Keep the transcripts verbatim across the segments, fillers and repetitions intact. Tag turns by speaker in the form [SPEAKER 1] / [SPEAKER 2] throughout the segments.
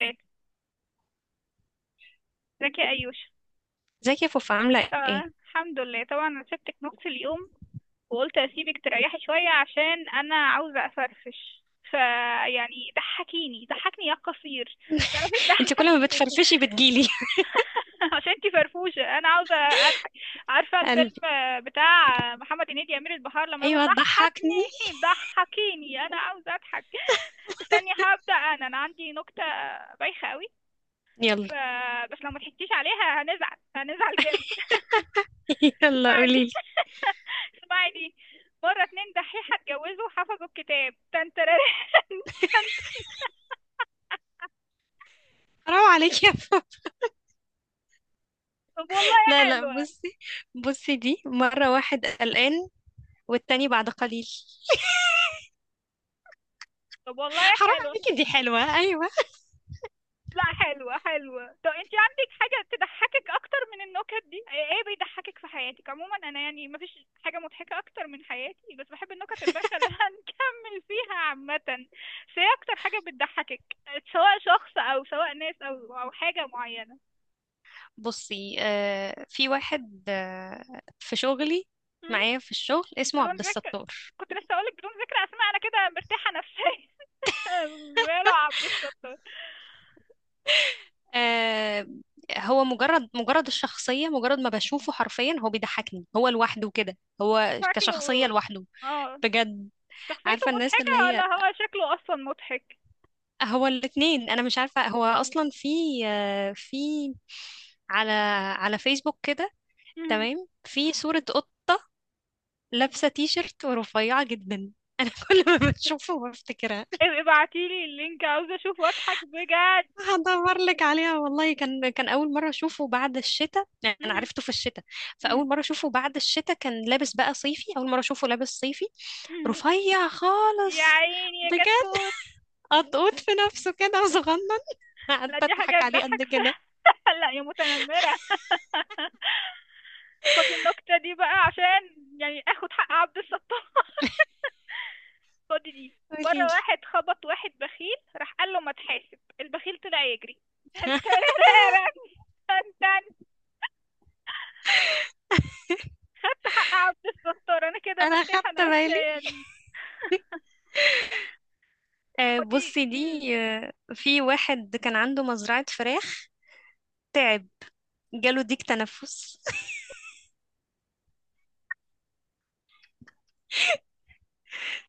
[SPEAKER 1] فات زكي أيوش.
[SPEAKER 2] ازيك يا فوفا عاملة
[SPEAKER 1] طبعا
[SPEAKER 2] ايه؟
[SPEAKER 1] الحمد لله، طبعا انا سبتك نص اليوم وقلت اسيبك تريحي شوية عشان انا عاوزة افرفش. فيعني ضحكيني ضحكني يا قصير، تعرفي
[SPEAKER 2] انت كل
[SPEAKER 1] تضحكي؟
[SPEAKER 2] ما بتفرفشي بتجيلي
[SPEAKER 1] عشان انتي فرفوشة انا عاوزة اضحك. عارفة الفيلم
[SPEAKER 2] قلبي.
[SPEAKER 1] بتاع محمد هنيدي، امير البحار، لما يقولوا
[SPEAKER 2] ايوه تضحكني.
[SPEAKER 1] ضحكني ضحكيني انا عاوزة اضحك؟ استني، هبدأ. انا انا عندي نكتة بايخة قوي.
[SPEAKER 2] يلا.
[SPEAKER 1] فبس لو ما ضحكتيش عليها هنزعل هنزعل جامد.
[SPEAKER 2] يلا
[SPEAKER 1] اسمعي دي.
[SPEAKER 2] قوليلي.
[SPEAKER 1] اسمعي دي. مرة اتنين دحيحة اتجوزوا وحفظوا الكتاب تنتراري.
[SPEAKER 2] حرام عليك يا فوفا.
[SPEAKER 1] طب والله
[SPEAKER 2] لا لا
[SPEAKER 1] حلوة.
[SPEAKER 2] بصي، بصي دي مرة واحد قلقان والتاني بعد قليل.
[SPEAKER 1] طب والله
[SPEAKER 2] حرام
[SPEAKER 1] حلوة.
[SPEAKER 2] عليكي، دي حلوة ايوه.
[SPEAKER 1] لا حلوة حلوة. طب انتي عندك حاجة تضحكك اكتر من النكت دي؟ ايه إيه بيضحكك في حياتك عموما؟ انا يعني مفيش حاجة مضحكة اكتر من حياتي بس بحب النكت البشعة اللي هنكمل فيها عامة. بس ايه اكتر حاجة بتضحكك، سواء شخص او سواء ناس او او حاجة معينة؟
[SPEAKER 2] بصي، آه في واحد، آه في شغلي
[SPEAKER 1] مم؟
[SPEAKER 2] معايا في الشغل، اسمه عبد
[SPEAKER 1] بدون ذكر.
[SPEAKER 2] الستار.
[SPEAKER 1] كنت لسه اقولك بدون ذكر اسماء، انا كده مرتاحة نفسيا. ماله عبد الستار؟
[SPEAKER 2] آه، هو مجرد مجرد الشخصية، مجرد ما بشوفه حرفيا هو بيضحكني، هو لوحده كده، هو كشخصية
[SPEAKER 1] شكله
[SPEAKER 2] لوحده.
[SPEAKER 1] اه
[SPEAKER 2] بجد.
[SPEAKER 1] شخصيته
[SPEAKER 2] عارفة الناس اللي
[SPEAKER 1] مضحكة ولا
[SPEAKER 2] هي،
[SPEAKER 1] هو شكله أصلا مضحك؟
[SPEAKER 2] هو الاتنين أنا مش عارفة هو أصلا في، آه، في على، على فيسبوك كده.
[SPEAKER 1] مهم.
[SPEAKER 2] تمام، في صورة قط لابسة تي شيرت ورفيعة جدا. أنا كل ما بشوفه بفتكرها.
[SPEAKER 1] ابقي ابعتيلي اللينك، عاوزة أشوفه أضحك بجد.
[SPEAKER 2] هدور لك عليها والله. كان كان أول مرة أشوفه بعد الشتاء، يعني أنا
[SPEAKER 1] مهم.
[SPEAKER 2] عرفته في الشتاء.
[SPEAKER 1] مهم.
[SPEAKER 2] فأول مرة أشوفه بعد الشتاء كان لابس بقى صيفي، أول مرة أشوفه لابس صيفي.
[SPEAKER 1] مهم.
[SPEAKER 2] رفيع
[SPEAKER 1] يا
[SPEAKER 2] خالص،
[SPEAKER 1] عيني يا
[SPEAKER 2] بجد.
[SPEAKER 1] كتكوت.
[SPEAKER 2] قطقوط في نفسه كده وصغنن.
[SPEAKER 1] لا
[SPEAKER 2] قعدت
[SPEAKER 1] دي حاجة
[SPEAKER 2] أضحك عليه قد
[SPEAKER 1] تضحك؟
[SPEAKER 2] كده.
[SPEAKER 1] لا يا متنمرة. خدي النكتة دي بقى عشان يعني اخد حق عبد الستار. فاضي دي؟ مرة
[SPEAKER 2] قوليلي.
[SPEAKER 1] واحد خبط واحد بخيل، راح قال له ما تحاسب، البخيل طلع يجري. انت مرعبني، انت أنت خدت حق عبد الستار، انا كده
[SPEAKER 2] انا
[SPEAKER 1] مرتاحة
[SPEAKER 2] خدت بالي.
[SPEAKER 1] نفسيا.
[SPEAKER 2] آه،
[SPEAKER 1] خدي.
[SPEAKER 2] بصي
[SPEAKER 1] مم.
[SPEAKER 2] دي. آه، في واحد كان عنده مزرعة فراخ، تعب، جاله ديك تنفس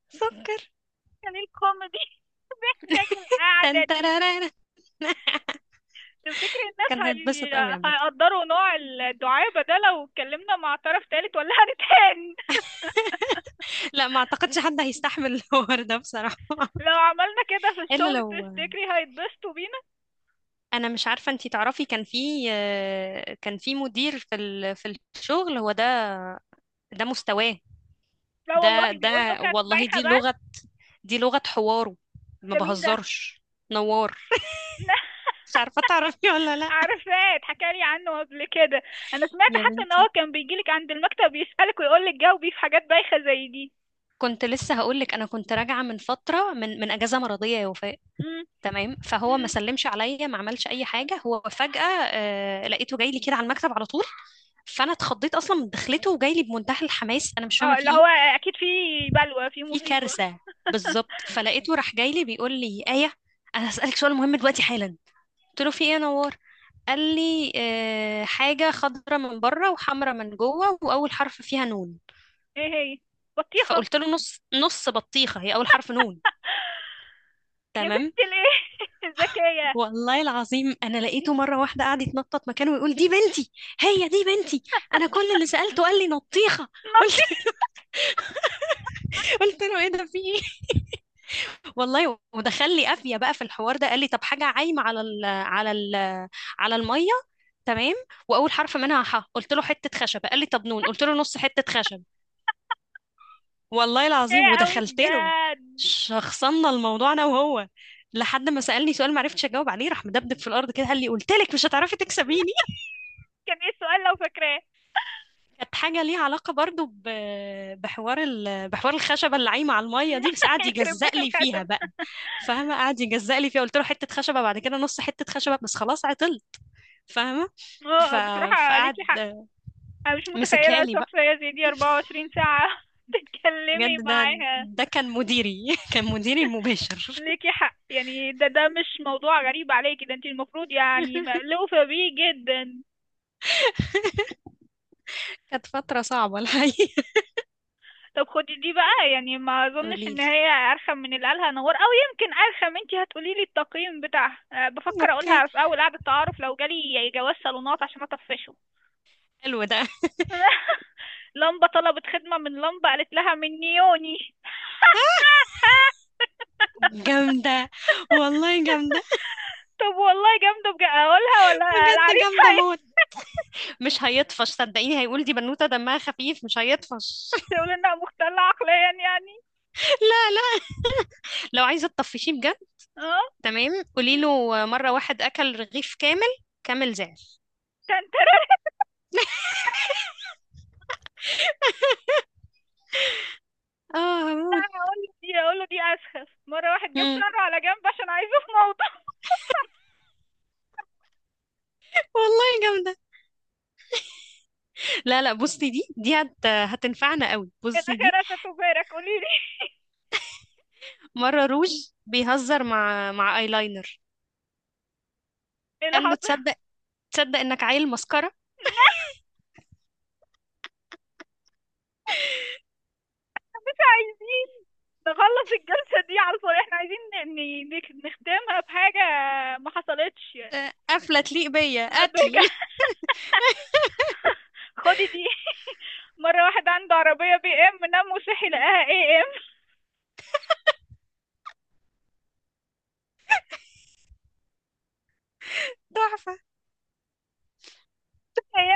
[SPEAKER 2] سكر.
[SPEAKER 1] كان الكوميدي محتاج القعدة دي.
[SPEAKER 2] تنترارارا.
[SPEAKER 1] تفتكر
[SPEAKER 2] كان
[SPEAKER 1] الناس
[SPEAKER 2] هيتبسط قوي
[SPEAKER 1] هي...
[SPEAKER 2] عامة.
[SPEAKER 1] هيقدروا نوع الدعابة ده لو اتكلمنا مع طرف تالت ولا هنتهان؟
[SPEAKER 2] لا ما اعتقدش حد هيستحمل الحوار ده بصراحة.
[SPEAKER 1] لو عملنا كده في
[SPEAKER 2] الا
[SPEAKER 1] الشغل
[SPEAKER 2] لو آه،
[SPEAKER 1] تفتكري هيتبسطوا بينا؟
[SPEAKER 2] انا مش عارفة انتي تعرفي، كان في، آه، كان في مدير في ال- في الشغل، هو ده. ده مستواه.
[SPEAKER 1] لا
[SPEAKER 2] ده
[SPEAKER 1] والله
[SPEAKER 2] ده،
[SPEAKER 1] بيقول نكت
[SPEAKER 2] والله
[SPEAKER 1] بايخة
[SPEAKER 2] دي لغة،
[SPEAKER 1] بس.
[SPEAKER 2] دي لغة حواره، ما
[SPEAKER 1] ده مين ده؟
[SPEAKER 2] بهزرش. نوار. مش عارفة تعرفي ولا لا.
[SPEAKER 1] عارفاه، اتحكى لي عنه قبل كده. انا سمعت
[SPEAKER 2] يا
[SPEAKER 1] حتى ان هو
[SPEAKER 2] بنتي،
[SPEAKER 1] كان بيجيلك عند المكتب يسألك ويقول لك جاوبي في حاجات بايخة زي دي.
[SPEAKER 2] كنت لسه هقولك انا كنت راجعه من فتره، من من اجازه مرضيه يا وفاء.
[SPEAKER 1] مم.
[SPEAKER 2] تمام، فهو ما
[SPEAKER 1] مم.
[SPEAKER 2] سلمش عليا، ما عملش اي حاجه، هو فجاه آه لقيته جاي لي كده على المكتب على طول. فانا اتخضيت اصلا من دخلته، وجاي لي بمنتهى الحماس، انا مش فاهمه
[SPEAKER 1] اه
[SPEAKER 2] في
[SPEAKER 1] اللي
[SPEAKER 2] ايه،
[SPEAKER 1] هو اكيد في بلوى، في
[SPEAKER 2] في
[SPEAKER 1] مصيبة.
[SPEAKER 2] كارثه. بالظبط. فلقيته راح جاي لي بيقول لي ايه، انا هسالك سؤال مهم دلوقتي حالا. قلت له في ايه يا نوار؟ قال لي آه، حاجه خضره من بره وحمره من جوه واول حرف فيها نون.
[SPEAKER 1] ايه هي؟ بطيخة.
[SPEAKER 2] فقلت له نص نص بطيخه، هي اول حرف نون.
[SPEAKER 1] يا
[SPEAKER 2] تمام.
[SPEAKER 1] بنت الايه ذكية.
[SPEAKER 2] والله العظيم انا لقيته مره واحده قاعد يتنطط مكانه ويقول دي بنتي، هي دي بنتي، انا كل اللي سالته قال لي نطيخه. قلت
[SPEAKER 1] نطيت.
[SPEAKER 2] قلت له ايه ده، في ايه؟ والله ودخل لي قافيه بقى في الحوار ده، قال لي طب حاجه عايمه على ال، على ال، على الميه، تمام، واول حرف منها ح. قلت له حته خشب. قال لي طب نون. قلت له نص حته خشب. والله العظيم
[SPEAKER 1] ذكية قوي
[SPEAKER 2] ودخلت له،
[SPEAKER 1] بجد.
[SPEAKER 2] شخصنا الموضوع انا وهو لحد ما سالني سؤال ما عرفتش اجاوب عليه، راح مدبدب في الارض كده، قال لي قلت لك مش هتعرفي تكسبيني.
[SPEAKER 1] كان ايه السؤال لو فاكراه؟
[SPEAKER 2] كانت حاجة ليها علاقة برضو ب- بحوار ال، بحوار الخشبة اللي عايمة على المية دي، بس قعد
[SPEAKER 1] يخرب بيت
[SPEAKER 2] يجزق لي
[SPEAKER 1] الخشب.
[SPEAKER 2] فيها بقى. فاهمة؟ قعد يجزق لي فيها. قلت له حتة خشبة، بعد كده نص حتة خشبة، بس خلاص عطلت. فاهمة؟ ف،
[SPEAKER 1] اه بصراحة عليكي
[SPEAKER 2] فقعد
[SPEAKER 1] حق، انا مش
[SPEAKER 2] مسكها
[SPEAKER 1] متخيلة
[SPEAKER 2] لي بقى.
[SPEAKER 1] شخصية زي دي اربعة وعشرين ساعة
[SPEAKER 2] بجد
[SPEAKER 1] تتكلمي
[SPEAKER 2] ده
[SPEAKER 1] معاها.
[SPEAKER 2] ده كان مديري، كان مديري المباشر.
[SPEAKER 1] ليكي حق، يعني ده ده مش موضوع غريب عليكي، ده انت المفروض يعني مألوفة بيه جدا.
[SPEAKER 2] كانت فترة صعبة الحقيقة.
[SPEAKER 1] طب خدي دي بقى، يعني ما اظنش
[SPEAKER 2] قولي
[SPEAKER 1] ان
[SPEAKER 2] لي.
[SPEAKER 1] هي ارخم من اللي قالها نور، او يمكن ارخم. انت هتقولي لي التقييم بتاعها. أه، بفكر
[SPEAKER 2] اوكي،
[SPEAKER 1] اقولها في اول قعدة تعارف لو جالي جواز صالونات عشان اطفشه.
[SPEAKER 2] حلو ده.
[SPEAKER 1] لمبة طلبت خدمة من لمبة، قالت لها من نيوني.
[SPEAKER 2] جامدة، والله جامدة.
[SPEAKER 1] طب والله جامدة بجد، اقولها ولا
[SPEAKER 2] بجد
[SPEAKER 1] العريس
[SPEAKER 2] جامدة موت. مش هيطفش صدقيني، هيقول دي بنوتة دمها خفيف، مش هيطفش.
[SPEAKER 1] هيقول انها مختلة عقليا يعني؟
[SPEAKER 2] لا لا، لو عايزة تطفشيه بجد،
[SPEAKER 1] اه.
[SPEAKER 2] تمام، قولي
[SPEAKER 1] مم.
[SPEAKER 2] له مرة واحد أكل رغيف كامل، كامل زعل.
[SPEAKER 1] تنترى.
[SPEAKER 2] اه
[SPEAKER 1] لا
[SPEAKER 2] هموت.
[SPEAKER 1] هقول له دي هقول له دي اسخف. مره واحد جاب
[SPEAKER 2] مم.
[SPEAKER 1] شعره على جنب عشان عايزه في موضوع.
[SPEAKER 2] والله جامدة. لا لا بصي دي، دي هت، هتنفعنا قوي. بصي دي،
[SPEAKER 1] الاخره تبارك قولي لي.
[SPEAKER 2] مرة روج بيهزر مع، مع ايلاينر،
[SPEAKER 1] ايه اللي
[SPEAKER 2] قال له
[SPEAKER 1] حصل؟
[SPEAKER 2] تصدق، تصدق انك عيل مسكرة.
[SPEAKER 1] الناس عايزين نخلص الجلسه دي على الفاضي، احنا عايزين ن- ن- نختمها بحاجه، ما حصلتش يعني،
[SPEAKER 2] آه، قفلة تليق بيا،
[SPEAKER 1] نبهجة.
[SPEAKER 2] قتل.
[SPEAKER 1] خدي دي. مرة واحد عنده عربية بي ام، نام وصحي لقاها اي ام.
[SPEAKER 2] تحفة،
[SPEAKER 1] هي.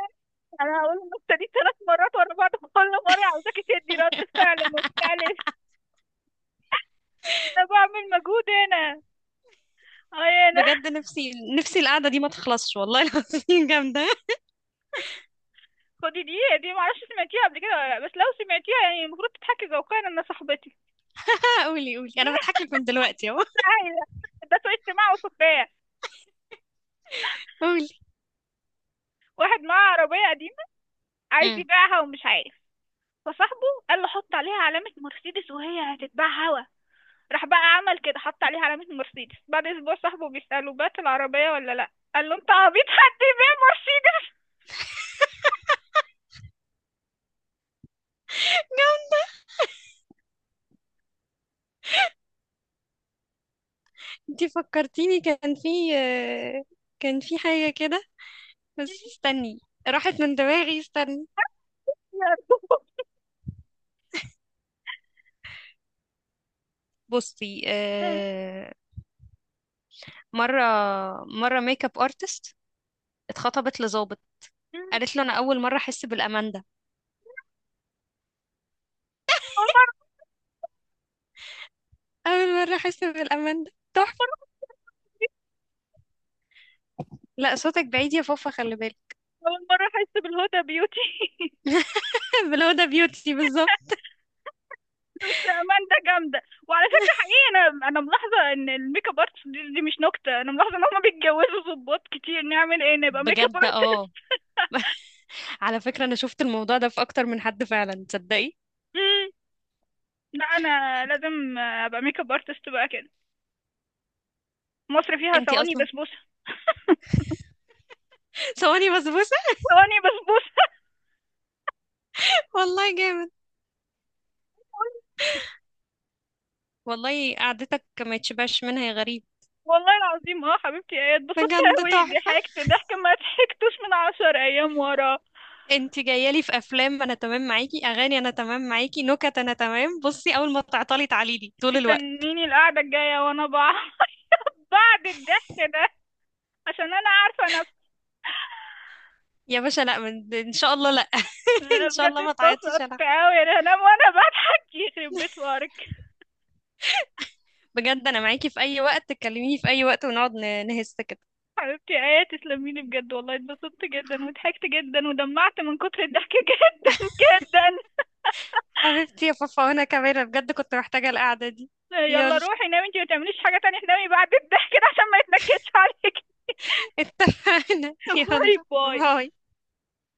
[SPEAKER 1] انا هقول النكتة دي ثلاث مرات ورا بعض، كل مرة عاوزاكي تدي رد فعل مختلف. انا بعمل مجهود هنا، اي انا.
[SPEAKER 2] بجد. نفسي، نفسي القعدة دي ما تخلصش والله العظيم. جامدة.
[SPEAKER 1] خدي دي دي معرفش سمعتيها قبل كده ولا لا، بس لو سمعتيها يعني المفروض تضحكي ذوقيا ان صاحبتي
[SPEAKER 2] قولي قولي، انا بضحك لك من دلوقتي اهو.
[SPEAKER 1] عايزة. ده سوء استماع وسخرية.
[SPEAKER 2] قولي.
[SPEAKER 1] واحد معاه عربية قديمة عايز
[SPEAKER 2] مم.
[SPEAKER 1] يبيعها ومش عارف، فصاحبه قال له حط عليها علامة مرسيدس وهي هتتباع هوا. راح بقى عمل كده، حط عليها علامة مرسيدس. بعد اسبوع صاحبه بيسأله، بات العربية ولا لا؟ قال له انت عبيط، حد يبيع مرسيدس؟
[SPEAKER 2] انتي فكرتيني كان في، آه، كان في حاجة كده، بس استني، راحت من دماغي، استني. بصي، آه، مرة، مرة ميك اب ارتست اتخطبت لظابط، قالت له انا اول مرة احس بالامان ده،
[SPEAKER 1] اول مرة،
[SPEAKER 2] اول مرة احس بالامان ده.
[SPEAKER 1] اول
[SPEAKER 2] تحفة.
[SPEAKER 1] مرة،
[SPEAKER 2] لا صوتك بعيد يا فوفا، خلي بالك.
[SPEAKER 1] اول مرة احس بالهدى بيوتي.
[SPEAKER 2] بلو ده بيوتي بالظبط.
[SPEAKER 1] بس اماندا جامده. وعلى فكره حقيقي انا انا ملاحظه ان الميك اب ارتست، دي, دي مش نكته، انا ملاحظه ان هم بيتجوزوا ظباط كتير. نعمل ايه نبقى ميك اب
[SPEAKER 2] بجد اه.
[SPEAKER 1] ارتست.
[SPEAKER 2] على فكرة انا شفت الموضوع ده في اكتر من حد فعلا، تصدقي.
[SPEAKER 1] مم. لا انا لازم ابقى ميك اب ارتست بقى كده. مصر فيها
[SPEAKER 2] انتي
[SPEAKER 1] ثواني
[SPEAKER 2] اصلا
[SPEAKER 1] بسبوسه.
[SPEAKER 2] صواني بسبوسة.
[SPEAKER 1] ثواني بسبوسه.
[SPEAKER 2] والله جامد. والله قعدتك ما يتشبعش منها يا غريب.
[SPEAKER 1] والله العظيم. اه حبيبتي، ايه اتبسطت
[SPEAKER 2] بجد
[SPEAKER 1] قوي،
[SPEAKER 2] تحفة.
[SPEAKER 1] ضحكت ضحك ما ضحكتوش من عشر ايام ورا.
[SPEAKER 2] انت جاية لي في افلام انا تمام معاكي، اغاني انا تمام معاكي، نكت انا تمام. بصي، اول ما تعطلي تعالي لي طول الوقت.
[SPEAKER 1] استنيني القعده الجايه وانا بع- بعد الضحك ده عشان انا عارفه.
[SPEAKER 2] يا باشا لا، من- ان شاء الله لا.
[SPEAKER 1] انا
[SPEAKER 2] ان شاء
[SPEAKER 1] بجد
[SPEAKER 2] الله ما تعيطيش.
[SPEAKER 1] اتبسطت
[SPEAKER 2] انا،
[SPEAKER 1] قوي يعني هنام وانا بضحك يخرب بيت وارك.
[SPEAKER 2] بجد انا معاكي في اي وقت، تكلميني في اي وقت ونقعد ن- نهز كده.
[SPEAKER 1] حبيبتي ايه تسلمي لي بجد، والله اتبسطت جدا وضحكت جدا ودمعت من كتر الضحك جدا جدا.
[SPEAKER 2] حبيبتي يا فافا، وانا كمان أنا بجد كنت محتاجة القعدة دي.
[SPEAKER 1] يلا
[SPEAKER 2] يلا.
[SPEAKER 1] روحي نامي، انتي ما تعمليش حاجة تانية، نامي بعد الضحك ده عشان ما يتنكدش عليك.
[SPEAKER 2] اتفقنا،
[SPEAKER 1] باي
[SPEAKER 2] يلا.
[SPEAKER 1] باي.
[SPEAKER 2] باي.